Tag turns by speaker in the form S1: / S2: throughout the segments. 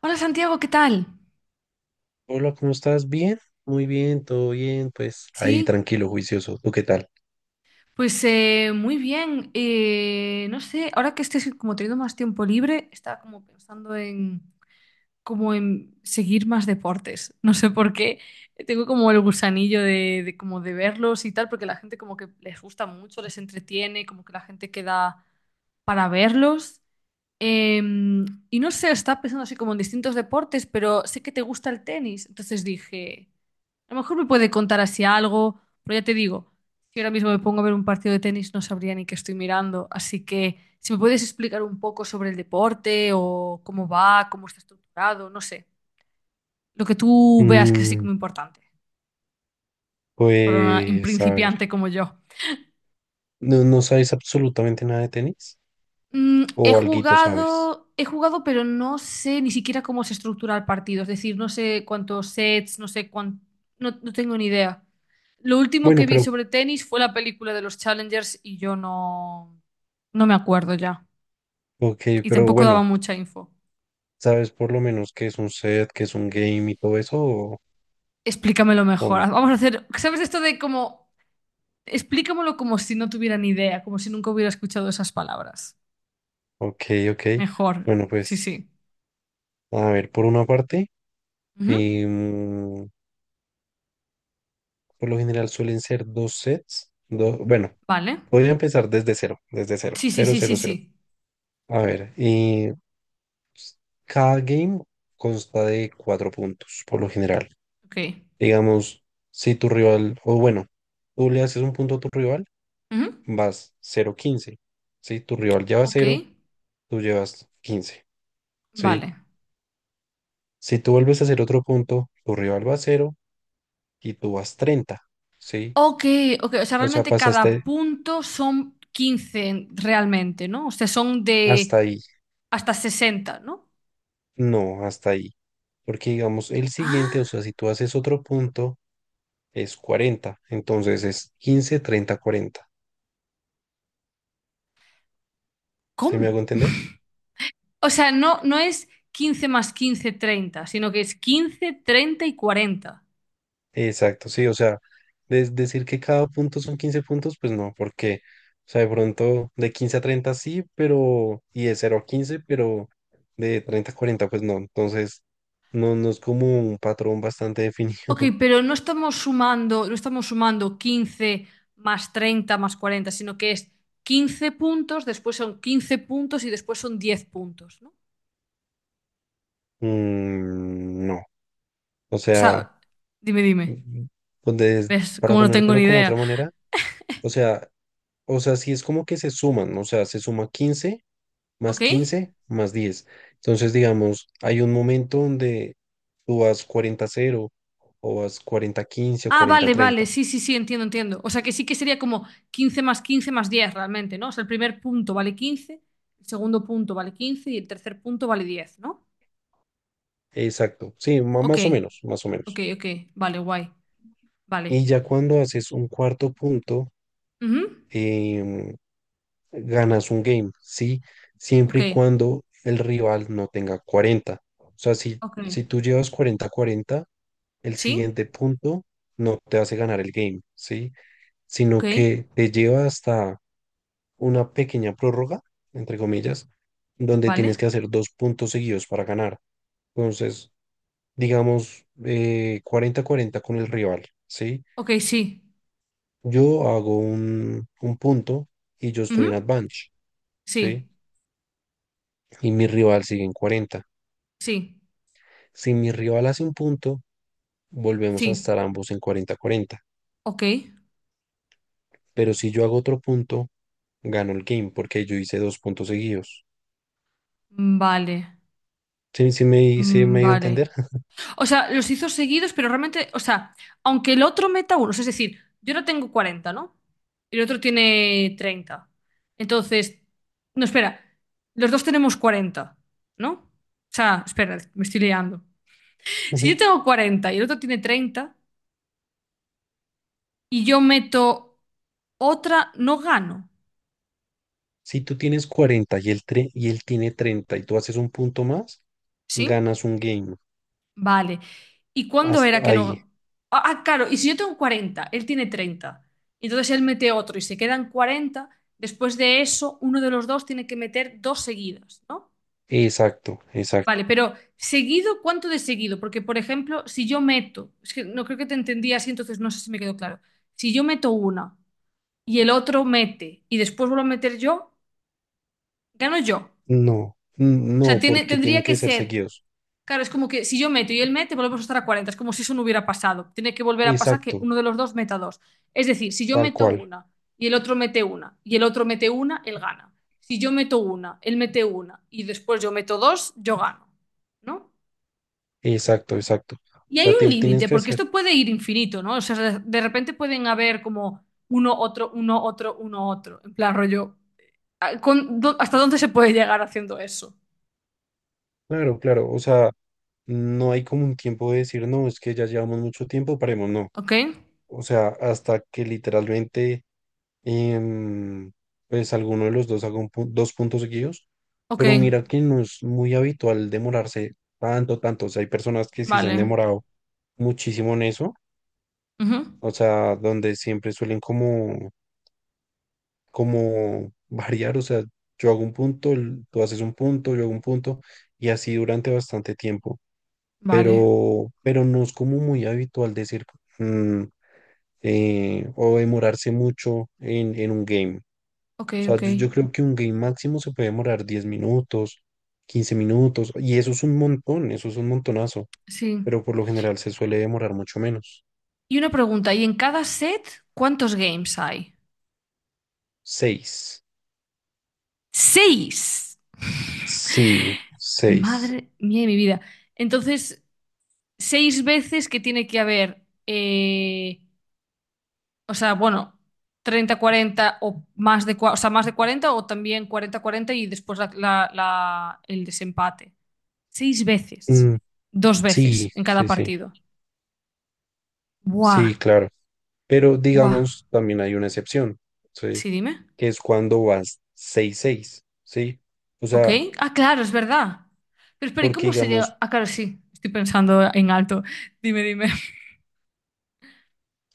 S1: Hola Santiago, ¿qué tal?
S2: Hola, ¿cómo estás? ¿Bien? Muy bien, todo bien, pues ahí
S1: Sí,
S2: tranquilo, juicioso. ¿Tú qué tal?
S1: pues muy bien. No sé, ahora que estés como teniendo más tiempo libre, estaba como pensando en como en seguir más deportes. No sé por qué. Tengo como el gusanillo de como de verlos y tal, porque la gente como que les gusta mucho, les entretiene, como que la gente queda para verlos. Em, y no sé, estaba pensando así como en distintos deportes, pero sé que te gusta el tenis. Entonces dije. A lo mejor me puede contar así algo, pero ya te digo, si ahora mismo me pongo a ver un partido de tenis no sabría ni qué estoy mirando, así que si me puedes explicar un poco sobre el deporte o cómo va, cómo está estructurado, no sé, lo que tú veas que es así
S2: Mm,
S1: como importante para un
S2: pues a ver,
S1: principiante como yo.
S2: ¿No sabes absolutamente nada de tenis?
S1: Mm, he
S2: ¿O alguito sabes?
S1: jugado, he jugado, pero no sé ni siquiera cómo se estructura el partido, es decir, no sé cuántos sets, no sé cuánto, no, no tengo ni idea. Lo último
S2: Bueno,
S1: que vi
S2: pero,
S1: sobre tenis fue la película de los Challengers y yo no. No me acuerdo ya.
S2: ok,
S1: Y
S2: pero
S1: tampoco daba
S2: bueno,
S1: mucha info.
S2: ¿sabes por lo menos qué es un set, qué es un game y todo eso o,
S1: Explícamelo
S2: o
S1: mejor.
S2: no?
S1: Vamos a hacer, ¿sabes esto de como, explícamelo como si no tuviera ni idea, como si nunca hubiera escuchado esas palabras?
S2: Ok, ok.
S1: Mejor.
S2: Bueno,
S1: Sí,
S2: pues
S1: sí.
S2: a ver, por una parte,
S1: Ujú.
S2: em, por lo general suelen ser dos sets, bueno,
S1: Vale.
S2: voy a empezar desde cero,
S1: Sí, sí,
S2: cero,
S1: sí, sí,
S2: cero, cero.
S1: sí.
S2: A ver, cada game consta de cuatro puntos, por lo general.
S1: Ok.
S2: Digamos, si tu rival, o bueno, tú le haces un punto a tu rival,
S1: Ujú.
S2: vas cero quince. Si tu rival lleva
S1: Ok.
S2: cero, tú llevas 15. ¿Sí?
S1: Vale.
S2: Si tú vuelves a hacer otro punto, tu rival va a 0 y tú vas 30. ¿Sí?
S1: Ok, ok. O sea,
S2: O sea,
S1: realmente cada
S2: pasaste
S1: punto son 15, realmente, ¿no? O sea, son
S2: hasta
S1: de
S2: ahí.
S1: hasta 60, ¿no?
S2: No, hasta ahí. Porque digamos, el siguiente, o
S1: Ah,
S2: sea, si tú haces otro punto, es 40. Entonces es 15, 30, 40. ¿Se
S1: ¿cómo?
S2: me hago entender?
S1: O sea, no, no es 15 más 15 30, sino que es 15 30 y 40.
S2: Exacto, sí, o sea, decir que cada punto son 15 puntos, pues no, porque, o sea, de pronto de 15 a 30 sí, pero, y de cero a 15, pero de 30 a 40, pues no, entonces, no, no es como un patrón bastante definido.
S1: Ok, pero no estamos sumando, no estamos sumando 15 más 30 más 40, sino que es 15 puntos, después son 15 puntos y después son 10 puntos, ¿no?
S2: Mm, no, o
S1: O
S2: sea,
S1: sea, dime, dime.
S2: mm, pues
S1: ¿Ves?
S2: para
S1: Como no tengo
S2: ponértelo
S1: ni
S2: como otra
S1: idea.
S2: manera, o sea, sí es como que se suman, ¿no? O sea, se suma
S1: ¿Ok?
S2: 15 más diez. Entonces, digamos, hay un momento donde tú vas 40 cero o vas 40 quince o
S1: Ah,
S2: 40
S1: vale,
S2: treinta.
S1: vale, sí, sí, sí, entiendo, entiendo. O sea, que sí que sería como 15 más 10, realmente, ¿no? O sea, el primer punto vale 15, el segundo punto vale 15 y el tercer punto vale 10, ¿no?
S2: Exacto, sí,
S1: Ok,
S2: más o menos, más o
S1: ok,
S2: menos.
S1: ok. Vale, guay. Vale.
S2: Y ya cuando haces un cuarto punto,
S1: Ujú.
S2: em, ganas un game, ¿sí?
S1: Ok,
S2: Siempre y cuando el rival no tenga cuarenta. O sea, si,
S1: ok.
S2: si tú llevas 40 cuarenta, el
S1: Sí,
S2: siguiente punto no te hace ganar el game, ¿sí?
S1: ok,
S2: Sino que te lleva hasta una pequeña prórroga, entre comillas, donde tienes
S1: vale.
S2: que hacer dos puntos seguidos para ganar. Entonces, digamos, cuarenta 40 con el rival, ¿sí?
S1: Ok, sí.
S2: Yo hago un punto y yo estoy en
S1: Ujú.
S2: advantage, ¿sí?
S1: Sí,
S2: Y mi rival sigue en cuarenta.
S1: sí,
S2: Si mi rival hace un punto, volvemos a
S1: sí.
S2: estar ambos en cuarenta cuarenta.
S1: Ok,
S2: Pero si yo hago otro punto, gano el game porque yo hice dos puntos seguidos.
S1: vale,
S2: ¿Sí, sí me, sí
S1: mm,
S2: me dio a
S1: vale.
S2: entender?
S1: O sea, los hizo seguidos, pero realmente, o sea, aunque el otro meta unos, es decir, yo no tengo 40, ¿no? Y el otro tiene 30. Entonces, no, espera, los dos tenemos 40, ¿no? O sea, espera, me estoy liando. Si yo tengo 40 y el otro tiene 30 y yo meto otra, no gano,
S2: Si tú tienes 40 y él, y él tiene 30 y tú haces un punto más,
S1: ¿sí?
S2: ganas un game.
S1: Vale. ¿Y cuándo
S2: Hasta
S1: era que
S2: ahí.
S1: no? Ah, ah, claro, y si yo tengo 40 él tiene 30, y entonces él mete otro y se quedan 40. Después de eso uno de los dos tiene que meter dos seguidas, ¿no?
S2: Exacto, exacto.
S1: Vale, pero seguido, ¿cuánto de seguido? Porque, por ejemplo, si yo meto, es que no creo que te entendí así, entonces no sé si me quedó claro. Si yo meto una y el otro mete y después vuelvo a meter yo, gano yo.
S2: No,
S1: O sea,
S2: no,
S1: tiene,
S2: porque tienen
S1: tendría que
S2: que ser
S1: ser.
S2: seguidos.
S1: Claro, es como que si yo meto y él mete, volvemos a estar a 40. Es como si eso no hubiera pasado. Tiene que volver a pasar
S2: Exacto,
S1: que uno de los dos meta dos. Es decir, si yo
S2: tal
S1: meto
S2: cual.
S1: una y el otro mete una y el otro mete una, él gana. Si yo meto una, él mete una y después yo meto dos, yo gano. ¿No?
S2: Exacto, exacto. O
S1: Y hay
S2: sea,
S1: un
S2: tienes
S1: límite,
S2: que
S1: porque
S2: hacer.
S1: esto puede ir infinito, ¿no? O sea, de repente pueden haber como uno, otro, uno, otro, uno, otro. En plan, rollo. ¿Hasta dónde se puede llegar haciendo eso?
S2: Claro, claro. O sea, no hay como un tiempo de decir, no, es que ya llevamos mucho tiempo, paremos, no.
S1: ¿Ok?
S2: O sea, hasta que literalmente em, pues alguno de los dos haga dos puntos seguidos,
S1: Ok,
S2: pero mira que no es muy habitual demorarse tanto, tanto. O sea, hay personas que sí se
S1: vale.
S2: han demorado muchísimo en eso,
S1: Ujú.
S2: o sea, donde siempre suelen como, como variar, o sea, yo hago un punto, tú haces un punto, yo hago un punto, y así durante bastante tiempo,
S1: Vale,
S2: pero no es como muy habitual decir mm, o demorarse mucho en un game.
S1: ok,
S2: O sea,
S1: ok.
S2: yo creo que un game máximo se puede demorar 10 minutos, 15 minutos, y eso es un montón, eso es un montonazo,
S1: Sí.
S2: pero por lo general se suele demorar mucho menos.
S1: Y una pregunta, ¿y en cada set cuántos games hay?
S2: Seis.
S1: Seis.
S2: Sí, 6.
S1: Madre mía de mi vida. Entonces, seis veces que tiene que haber, o sea, bueno, 30 40 o más de, o sea, más de 40 o también 40 40 y después el desempate. Seis veces. Dos
S2: Sí,
S1: veces en cada
S2: sí, sí,
S1: partido. Buah,
S2: sí, claro. Pero
S1: buah.
S2: digamos, también hay una excepción, ¿sí?
S1: Sí, dime.
S2: Que es cuando vas seis seis, ¿sí? O
S1: Ok.
S2: sea,
S1: Ah, claro, es verdad. Pero espera, ¿y
S2: porque
S1: cómo se
S2: digamos,
S1: llega? Ah, claro, sí. Estoy pensando en alto. Dime, dime.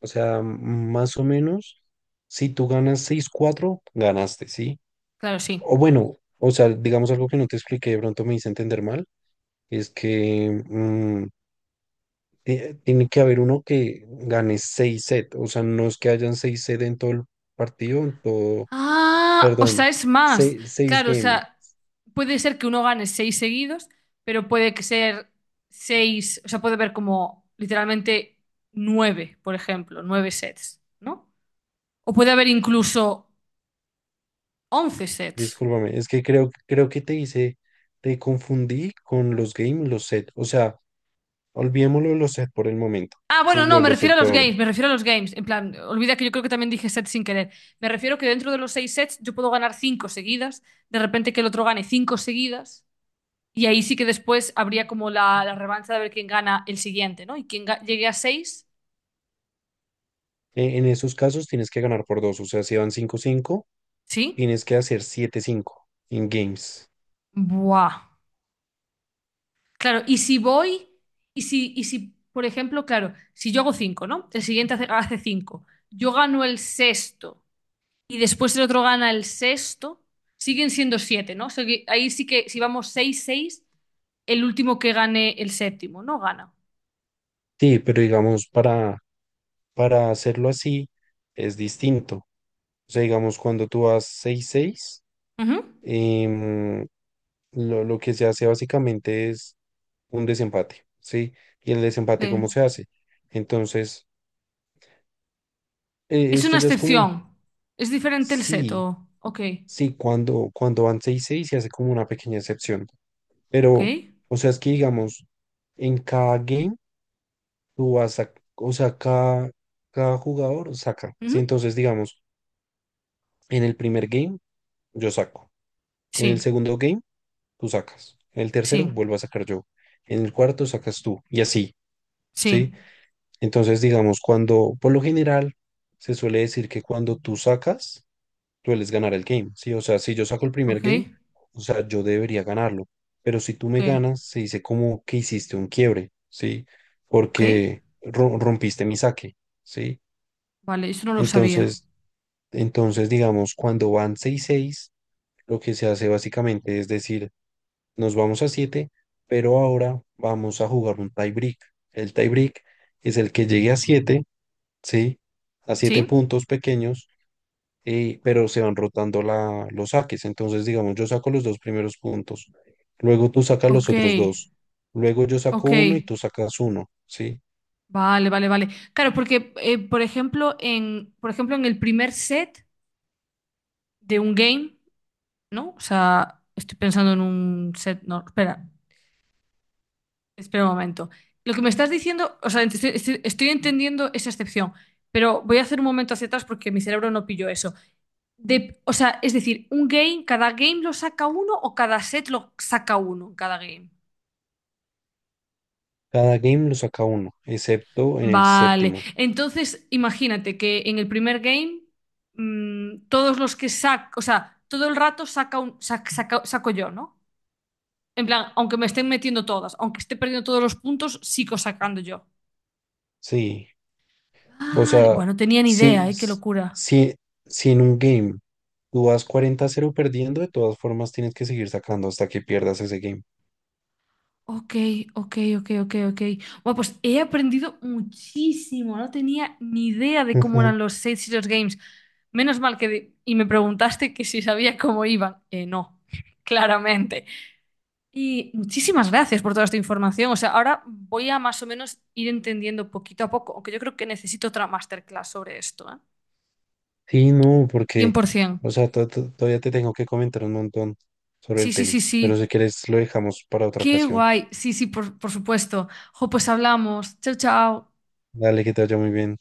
S2: o sea, más o menos, si tú ganas seis cuatro ganaste, ¿sí?
S1: Claro, sí.
S2: O bueno, o sea, digamos algo que no te expliqué, de pronto me hice entender mal, es que tiene que haber uno que gane 6 sets, o sea, no es que hayan 6 sets en todo el partido, en todo,
S1: Ah, o
S2: perdón,
S1: sea, es más.
S2: seis seis
S1: Claro, o
S2: game,
S1: sea, puede ser que uno gane seis seguidos, pero puede que ser seis, o sea, puede haber como literalmente nueve, por ejemplo, nueve sets, ¿no? O puede haber incluso once sets.
S2: discúlpame, es que creo que te confundí con los game y los sets, o sea, olvidémoslo de los sets por el momento,
S1: Ah, bueno,
S2: sí, lo
S1: no,
S2: de
S1: me
S2: los
S1: refiero
S2: sets
S1: a los
S2: todavía.
S1: games, me refiero a los games. En plan, olvida que yo creo que también dije sets sin querer. Me refiero que dentro de los seis sets yo puedo ganar cinco seguidas, de repente que el otro gane cinco seguidas, y ahí sí que después habría como la revancha de ver quién gana el siguiente, ¿no? Y quien llegue a seis,
S2: En esos casos tienes que ganar por dos, o sea, si van cinco cinco,
S1: ¿sí?
S2: tienes que hacer siete cinco en games.
S1: Buah. Claro, y si voy, por ejemplo, claro, si yo hago cinco, ¿no? El siguiente hace cinco, yo gano el sexto y después el otro gana el sexto, siguen siendo siete, ¿no? O sea que ahí sí que si vamos seis, seis, el último que gane el séptimo, ¿no? Gana.
S2: Sí, pero digamos, para hacerlo así es distinto. O sea, digamos, cuando tú vas seis seis,
S1: Ujú.
S2: em, lo que se hace básicamente es un desempate, ¿sí? ¿Y el
S1: Ok.
S2: desempate cómo se hace? Entonces,
S1: Es una
S2: esto ya es como un.
S1: excepción. Es diferente el set,
S2: Sí,
S1: Ok.
S2: sí, cuando van seis seis se hace como una pequeña excepción.
S1: Ok.
S2: Pero, o sea, es que digamos, en cada game tú vas a, o sea, cada jugador saca, ¿sí?
S1: Ujú.
S2: Entonces, digamos, en el primer game yo saco. En el
S1: Sí.
S2: segundo game, tú sacas. En el tercero,
S1: Sí.
S2: vuelvo a sacar yo. En el cuarto, sacas tú. Y así,
S1: Sí.
S2: ¿sí? Entonces, digamos, cuando, por lo general, se suele decir que cuando tú sacas, sueles ganar el game, ¿sí? O sea, si yo saco el primer
S1: Ok.
S2: game, o sea, yo debería ganarlo. Pero si tú
S1: Ok.
S2: me ganas, se dice como que hiciste un quiebre, ¿sí?
S1: Ok.
S2: Porque rompiste mi saque, ¿sí?
S1: Vale, eso no lo sabía.
S2: Entonces, entonces, digamos, cuando van seis seis lo que se hace básicamente es decir, nos vamos a siete, pero ahora vamos a jugar un tie break. El tie break es el que llegue a siete, ¿sí? A 7
S1: ¿Sí?
S2: puntos pequeños, pero se van rotando los saques. Entonces, digamos, yo saco los dos primeros puntos, luego tú sacas los
S1: Ok.
S2: otros dos, luego yo saco
S1: Ok.
S2: uno y tú sacas uno, ¿sí?
S1: Vale, vale, vale. Claro, porque, por ejemplo, en el primer set de un game, ¿no? O sea, estoy pensando en un set. No, espera, espera un momento. Lo que me estás diciendo, o sea, estoy entendiendo esa excepción, pero voy a hacer un momento hacia atrás porque mi cerebro no pilló eso. De, o sea, es decir, un game, cada game lo saca uno o cada set lo saca uno, en cada game.
S2: Cada game lo saca uno, excepto en el
S1: Vale.
S2: séptimo,
S1: Entonces, imagínate que en el primer game, todos los que saco, o sea, todo el rato saca un, sac- saca- saco yo, ¿no? En plan, aunque me estén metiendo todas, aunque esté perdiendo todos los puntos, sigo sacando yo.
S2: ¿sí? O
S1: Vale,
S2: sea,
S1: bueno, no tenía ni
S2: si,
S1: idea, ¿eh? Qué locura.
S2: si, si en un game tú vas 40-0 perdiendo, de todas formas tienes que seguir sacando hasta que pierdas ese game.
S1: Ok, ok, ok, ok, ok. Bueno, pues he aprendido muchísimo. No tenía ni idea de cómo
S2: Ujú.
S1: eran los Save Serious Games. Menos mal que. Y me preguntaste que si sabía cómo iban. No, claramente. Y muchísimas gracias por toda esta información. O sea, ahora voy a más o menos ir entendiendo poquito a poco, aunque yo creo que necesito otra masterclass sobre esto, ¿eh?
S2: Sí, no, porque,
S1: 100%.
S2: o sea, todavía te tengo que comentar un montón sobre
S1: Sí,
S2: el
S1: sí, sí,
S2: tenis, pero
S1: sí.
S2: si quieres lo dejamos para otra
S1: Qué
S2: ocasión.
S1: guay. Sí, sí, por supuesto. Jo, pues hablamos. Chao, chao.
S2: Dale, que te vaya muy bien.